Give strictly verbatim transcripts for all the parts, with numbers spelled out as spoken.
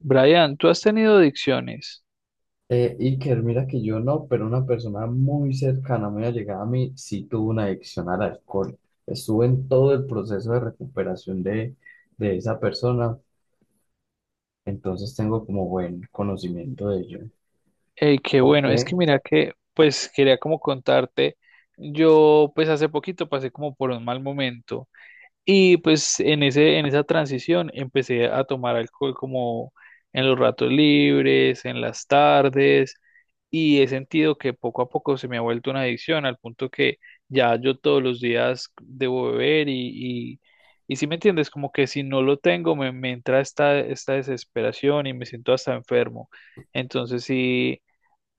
Brian, ¿tú has tenido adicciones? Eh, Iker, mira que yo no, pero una persona muy cercana, muy allegada a mí, sí tuvo una adicción al alcohol. Estuve en todo el proceso de recuperación de, de esa persona, entonces tengo como buen conocimiento de ello. Eh, qué Ok. bueno, es que mira que, pues quería como contarte, yo pues hace poquito pasé como por un mal momento. Y pues en ese, en esa transición empecé a tomar alcohol como en los ratos libres, en las tardes, y he sentido que poco a poco se me ha vuelto una adicción, al punto que ya yo todos los días debo beber y, y, y si me entiendes, como que si no lo tengo me, me entra esta, esta desesperación y me siento hasta enfermo. Entonces sí,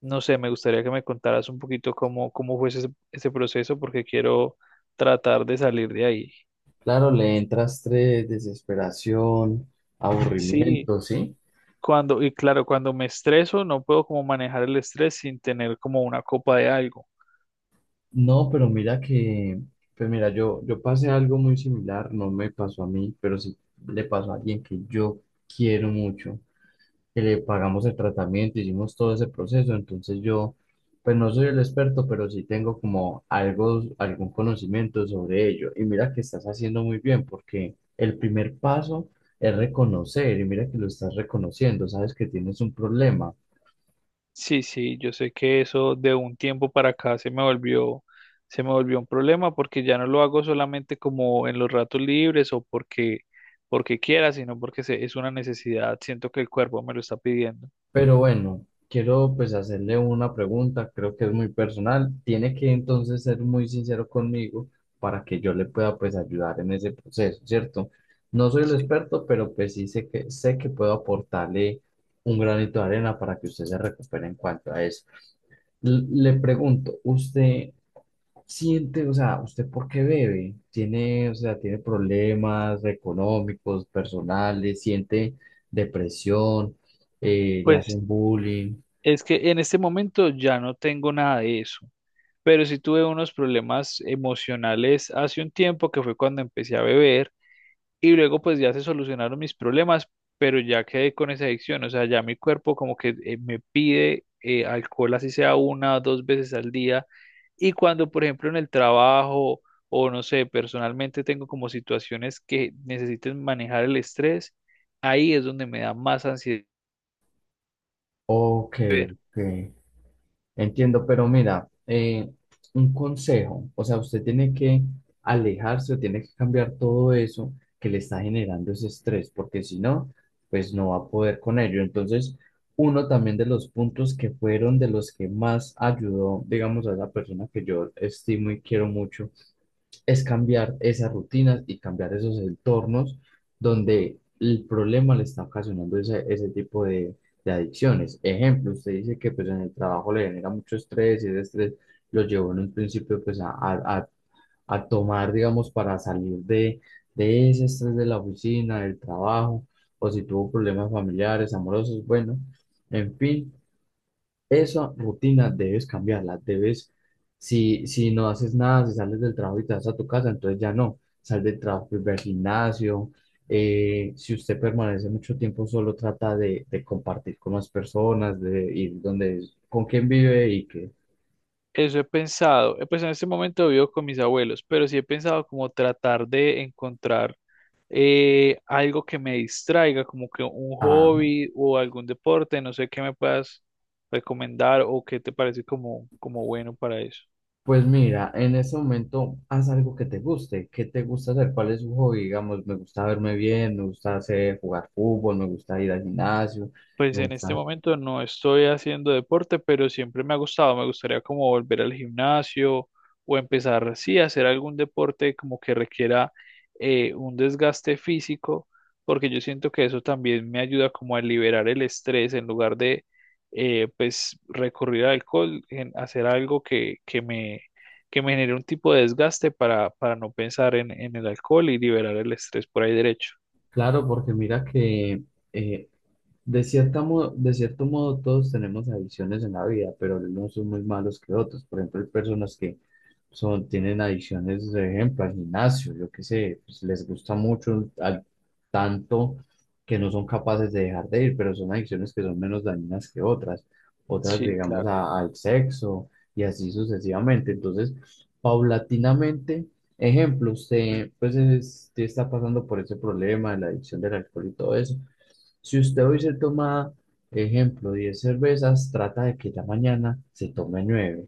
no sé, me gustaría que me contaras un poquito cómo, cómo fue ese, ese proceso, porque quiero tratar de salir de ahí. Claro, le entra estrés, desesperación, Sí. aburrimiento, ¿sí? Cuando, y claro, cuando me estreso, no puedo como manejar el estrés sin tener como una copa de algo. No, pero mira que, pues mira, yo, yo pasé algo muy similar, no me pasó a mí, pero sí le pasó a alguien que yo quiero mucho. Que le pagamos el tratamiento, hicimos todo ese proceso, entonces yo, pues no soy el experto, pero sí tengo como algo, algún conocimiento sobre ello. Y mira que estás haciendo muy bien, porque el primer paso es reconocer, y mira que lo estás reconociendo, sabes que tienes un problema. Sí, sí, yo sé que eso de un tiempo para acá se me volvió, se me volvió un problema porque ya no lo hago solamente como en los ratos libres o porque, porque quiera, sino porque se- es una necesidad. Siento que el cuerpo me lo está pidiendo. Pero bueno, quiero pues hacerle una pregunta, creo que es muy personal. Tiene que entonces ser muy sincero conmigo para que yo le pueda pues ayudar en ese proceso, ¿cierto? No soy el Sí. experto, pero pues sí sé que sé que puedo aportarle un granito de arena para que usted se recupere en cuanto a eso. L- Le pregunto, ¿usted siente, o sea, ¿usted por qué bebe? Tiene, o sea, tiene problemas económicos, personales, siente depresión, eh, le Pues hacen bullying. es que en este momento ya no tengo nada de eso. Pero sí tuve unos problemas emocionales hace un tiempo que fue cuando empecé a beber y luego pues ya se solucionaron mis problemas, pero ya quedé con esa adicción, o sea, ya mi cuerpo como que eh, me pide eh, alcohol así sea una o dos veces al día y cuando por ejemplo en el trabajo o no sé, personalmente tengo como situaciones que necesiten manejar el estrés, ahí es donde me da más ansiedad. Ok, Ver. ok. Entiendo, pero mira, eh, un consejo, o sea, usted tiene que alejarse o tiene que cambiar todo eso que le está generando ese estrés, porque si no, pues no va a poder con ello. Entonces, uno también de los puntos que fueron de los que más ayudó, digamos, a esa persona que yo estimo y quiero mucho, es cambiar esas rutinas y cambiar esos entornos donde el problema le está ocasionando ese, ese tipo de, de adicciones. Ejemplo, usted dice que pues en el trabajo le genera mucho estrés y ese estrés lo llevó en un principio pues a, a, a- a tomar, digamos, para salir de, de ese estrés de la oficina, del trabajo, o si tuvo problemas familiares, amorosos, bueno, en fin, esa rutina debes cambiarla, debes, si, si no haces nada, si sales del trabajo y te vas a tu casa, entonces ya no, sal del trabajo, pues, ve al gimnasio. Eh, si usted permanece mucho tiempo solo, trata de, de compartir con las personas, de ir donde, con quién vive y que, Eso he pensado, eh, pues en este momento vivo con mis abuelos, pero sí he pensado como tratar de encontrar eh, algo que me distraiga, como que un ah, hobby o algún deporte, no sé qué me puedas recomendar o qué te parece como, como bueno para eso. pues mira, en ese momento haz algo que te guste. ¿Qué te gusta hacer? ¿Cuál es su hobby? Digamos, me gusta verme bien, me gusta hacer, jugar fútbol, me gusta ir al gimnasio, Pues me en este gusta, momento no estoy haciendo deporte, pero siempre me ha gustado. Me gustaría como volver al gimnasio o empezar, sí, a hacer algún deporte como que requiera eh, un desgaste físico, porque yo siento que eso también me ayuda como a liberar el estrés en lugar de, eh, pues, recurrir al alcohol, en hacer algo que, que me, que me genere un tipo de desgaste para, para no pensar en, en el alcohol y liberar el estrés por ahí derecho. claro, porque mira que eh, de cierta mo- de cierto modo, todos tenemos adicciones en la vida, pero algunos son muy malos que otros. Por ejemplo, hay personas que son, tienen adicciones, por ejemplo, al gimnasio, yo qué sé, pues les gusta mucho, a tanto que no son capaces de dejar de ir, pero son adicciones que son menos dañinas que otras, otras Sí, digamos claro. a- al sexo y así sucesivamente. Entonces, paulatinamente, ejemplo, usted pues es- usted está pasando por ese problema de la adicción del alcohol y todo eso. Si usted hoy se toma, ejemplo, diez cervezas, trata de que ya mañana se tome nueve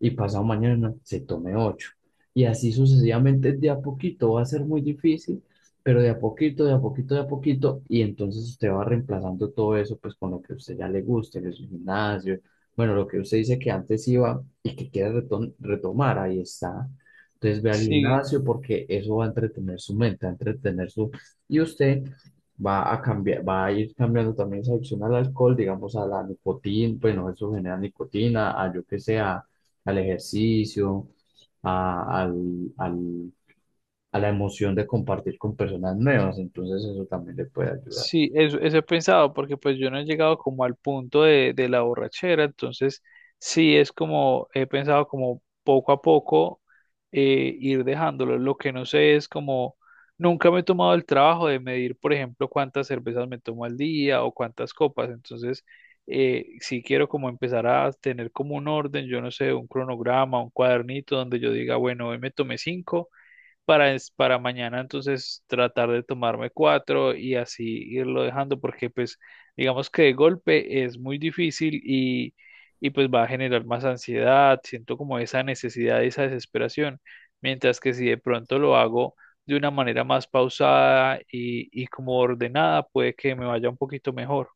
y pasado mañana se tome ocho. Y así sucesivamente, de a poquito va a ser muy difícil, pero de a poquito, de a poquito, de a poquito, y entonces usted va reemplazando todo eso pues con lo que a usted ya le guste, el gimnasio, bueno, lo que usted dice que antes iba y que quiere retom- retomar, ahí está. Entonces ve al Sí. gimnasio porque eso va a entretener su mente, va a entretener su... Y usted va a cambiar, va a ir cambiando también esa adicción al alcohol, digamos a la nicotina, bueno, eso genera nicotina, a yo que sea, al ejercicio, a- al, al a la emoción de compartir con personas nuevas, entonces eso también le puede ayudar. Sí, eso, eso he pensado, porque pues yo no he llegado como al punto de, de la borrachera, entonces sí es como he pensado como poco a poco eh, ir dejándolo. Lo que no sé es como nunca me he tomado el trabajo de medir, por ejemplo, cuántas cervezas me tomo al día o cuántas copas, entonces eh, sí quiero como empezar a tener como un orden, yo no sé, un cronograma, un cuadernito donde yo diga, bueno, hoy me tomé cinco para, es- para mañana entonces tratar de tomarme cuatro y así irlo dejando porque pues digamos que de golpe es muy difícil y, y pues va a generar más ansiedad, siento como esa necesidad, esa desesperación, mientras que si de pronto lo hago de una manera más pausada y, y como ordenada puede que me vaya un poquito mejor.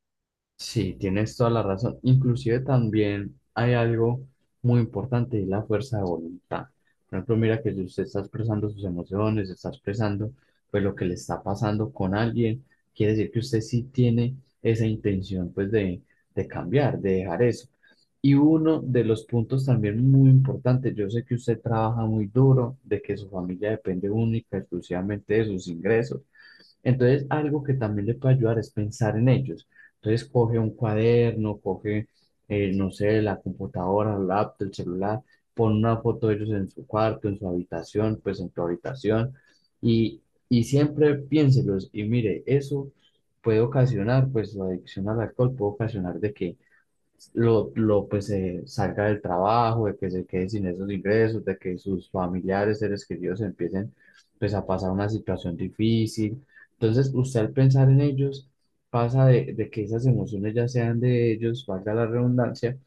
Sí, tienes toda la razón. Inclusive también hay algo muy importante y es la fuerza de voluntad. Por ejemplo, mira que si usted está expresando sus emociones, está expresando pues lo que le está pasando con alguien, quiere decir que usted sí tiene esa intención pues de, de cambiar, de dejar eso. Y uno de los puntos también muy importantes, yo sé que usted trabaja muy duro, de que su familia depende única, exclusivamente de sus ingresos, entonces, algo que también le puede ayudar es pensar en ellos. Entonces, coge un cuaderno, coge, eh, no sé, la computadora, el laptop, el celular, pon una foto de ellos en su cuarto, en su habitación, pues en tu habitación, y, y siempre piénselos. Y mire, eso puede ocasionar, pues la adicción al alcohol puede ocasionar de que lo, lo pues eh, salga del trabajo, de que se quede sin esos ingresos, de que sus familiares, seres queridos empiecen pues a pasar una situación difícil. Entonces, usted al pensar en ellos pasa de, de que esas emociones ya sean de ellos, valga la redundancia,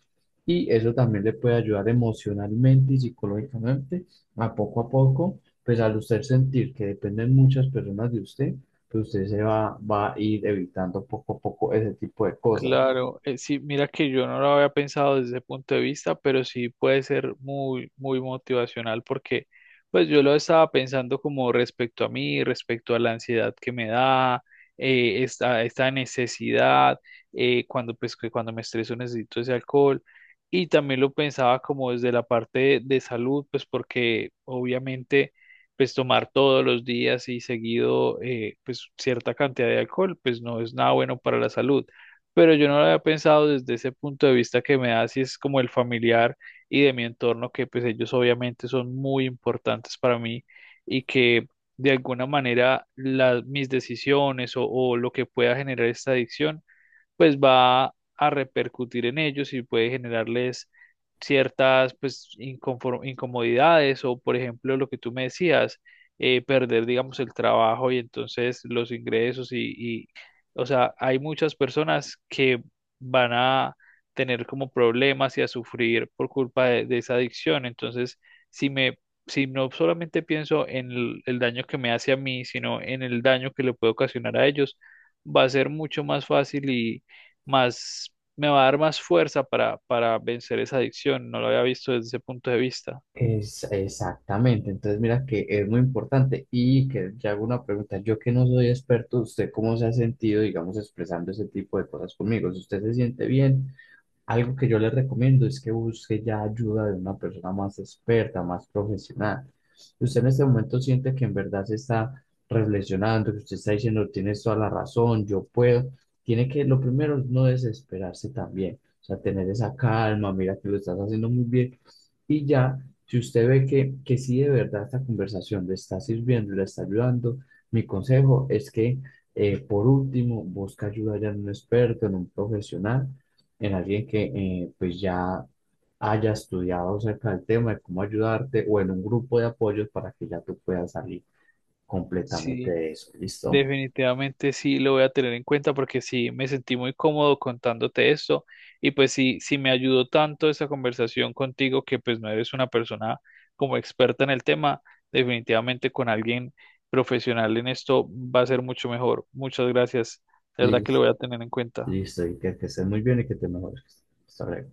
y eso también le puede ayudar emocionalmente y psicológicamente a poco a poco, pues al usted sentir que dependen muchas personas de usted, pues usted se va, va a ir evitando poco a poco ese tipo de cosas. Claro, eh, sí, mira que yo no lo había pensado desde ese punto de vista, pero sí puede ser muy, muy motivacional porque pues yo lo estaba pensando como respecto a mí, respecto a la ansiedad que me da, eh, esta, esta necesidad, eh, cuando pues que cuando me estreso necesito ese alcohol y también lo pensaba como desde la parte de, de salud, pues porque obviamente pues tomar todos los días y seguido eh, pues cierta cantidad de alcohol pues no es nada bueno para la salud, pero yo no lo había pensado desde ese punto de vista que me da, si es como el familiar y de mi entorno, que pues ellos obviamente son muy importantes para mí y que de alguna manera las mis decisiones o, o lo que pueda generar esta adicción pues va a repercutir en ellos y puede generarles ciertas pues inconfor- incomodidades o por ejemplo lo que tú me decías, eh, perder digamos el trabajo y entonces los ingresos y, y o sea, hay muchas personas que van a tener como problemas y a sufrir por culpa de, de esa adicción. Entonces, si me, si no solamente pienso en el, el daño que me hace a mí, sino en el daño que le puede ocasionar a ellos, va a ser mucho más fácil y, más, me va a dar más fuerza para, para vencer esa adicción. No lo había visto desde ese punto de vista. Es, exactamente, entonces mira que es muy importante y que ya hago una pregunta, yo que no soy experto, ¿usted cómo se ha sentido, digamos, expresando ese tipo de cosas conmigo? Si ¿Usted se siente bien? Algo que yo les recomiendo es que busque ya ayuda de una persona más experta, más profesional. Si usted en este momento siente que en verdad se está reflexionando, que usted está diciendo, tienes toda la razón, yo puedo. Tiene que, lo primero es no desesperarse también, o sea, tener esa calma, mira que lo estás haciendo muy bien. Y ya, si usted ve que, que sí de verdad esta conversación le está sirviendo, le está ayudando, mi consejo es que, eh, por último, busque ayuda ya en un experto, en un profesional, en alguien que eh, pues ya haya estudiado acerca del tema de cómo ayudarte o en un grupo de apoyos para que ya tú puedas salir completamente Sí, de eso. ¿Listo? definitivamente sí lo voy a tener en cuenta porque sí me sentí muy cómodo contándote esto y pues sí, sí me ayudó tanto esa conversación contigo, que pues no eres una persona como experta en el tema, definitivamente con alguien profesional en esto va a ser mucho mejor. Muchas gracias. De verdad que lo Listo. voy a tener en cuenta. Listo. Y que, que estés muy bien y que te mejores. Hasta luego.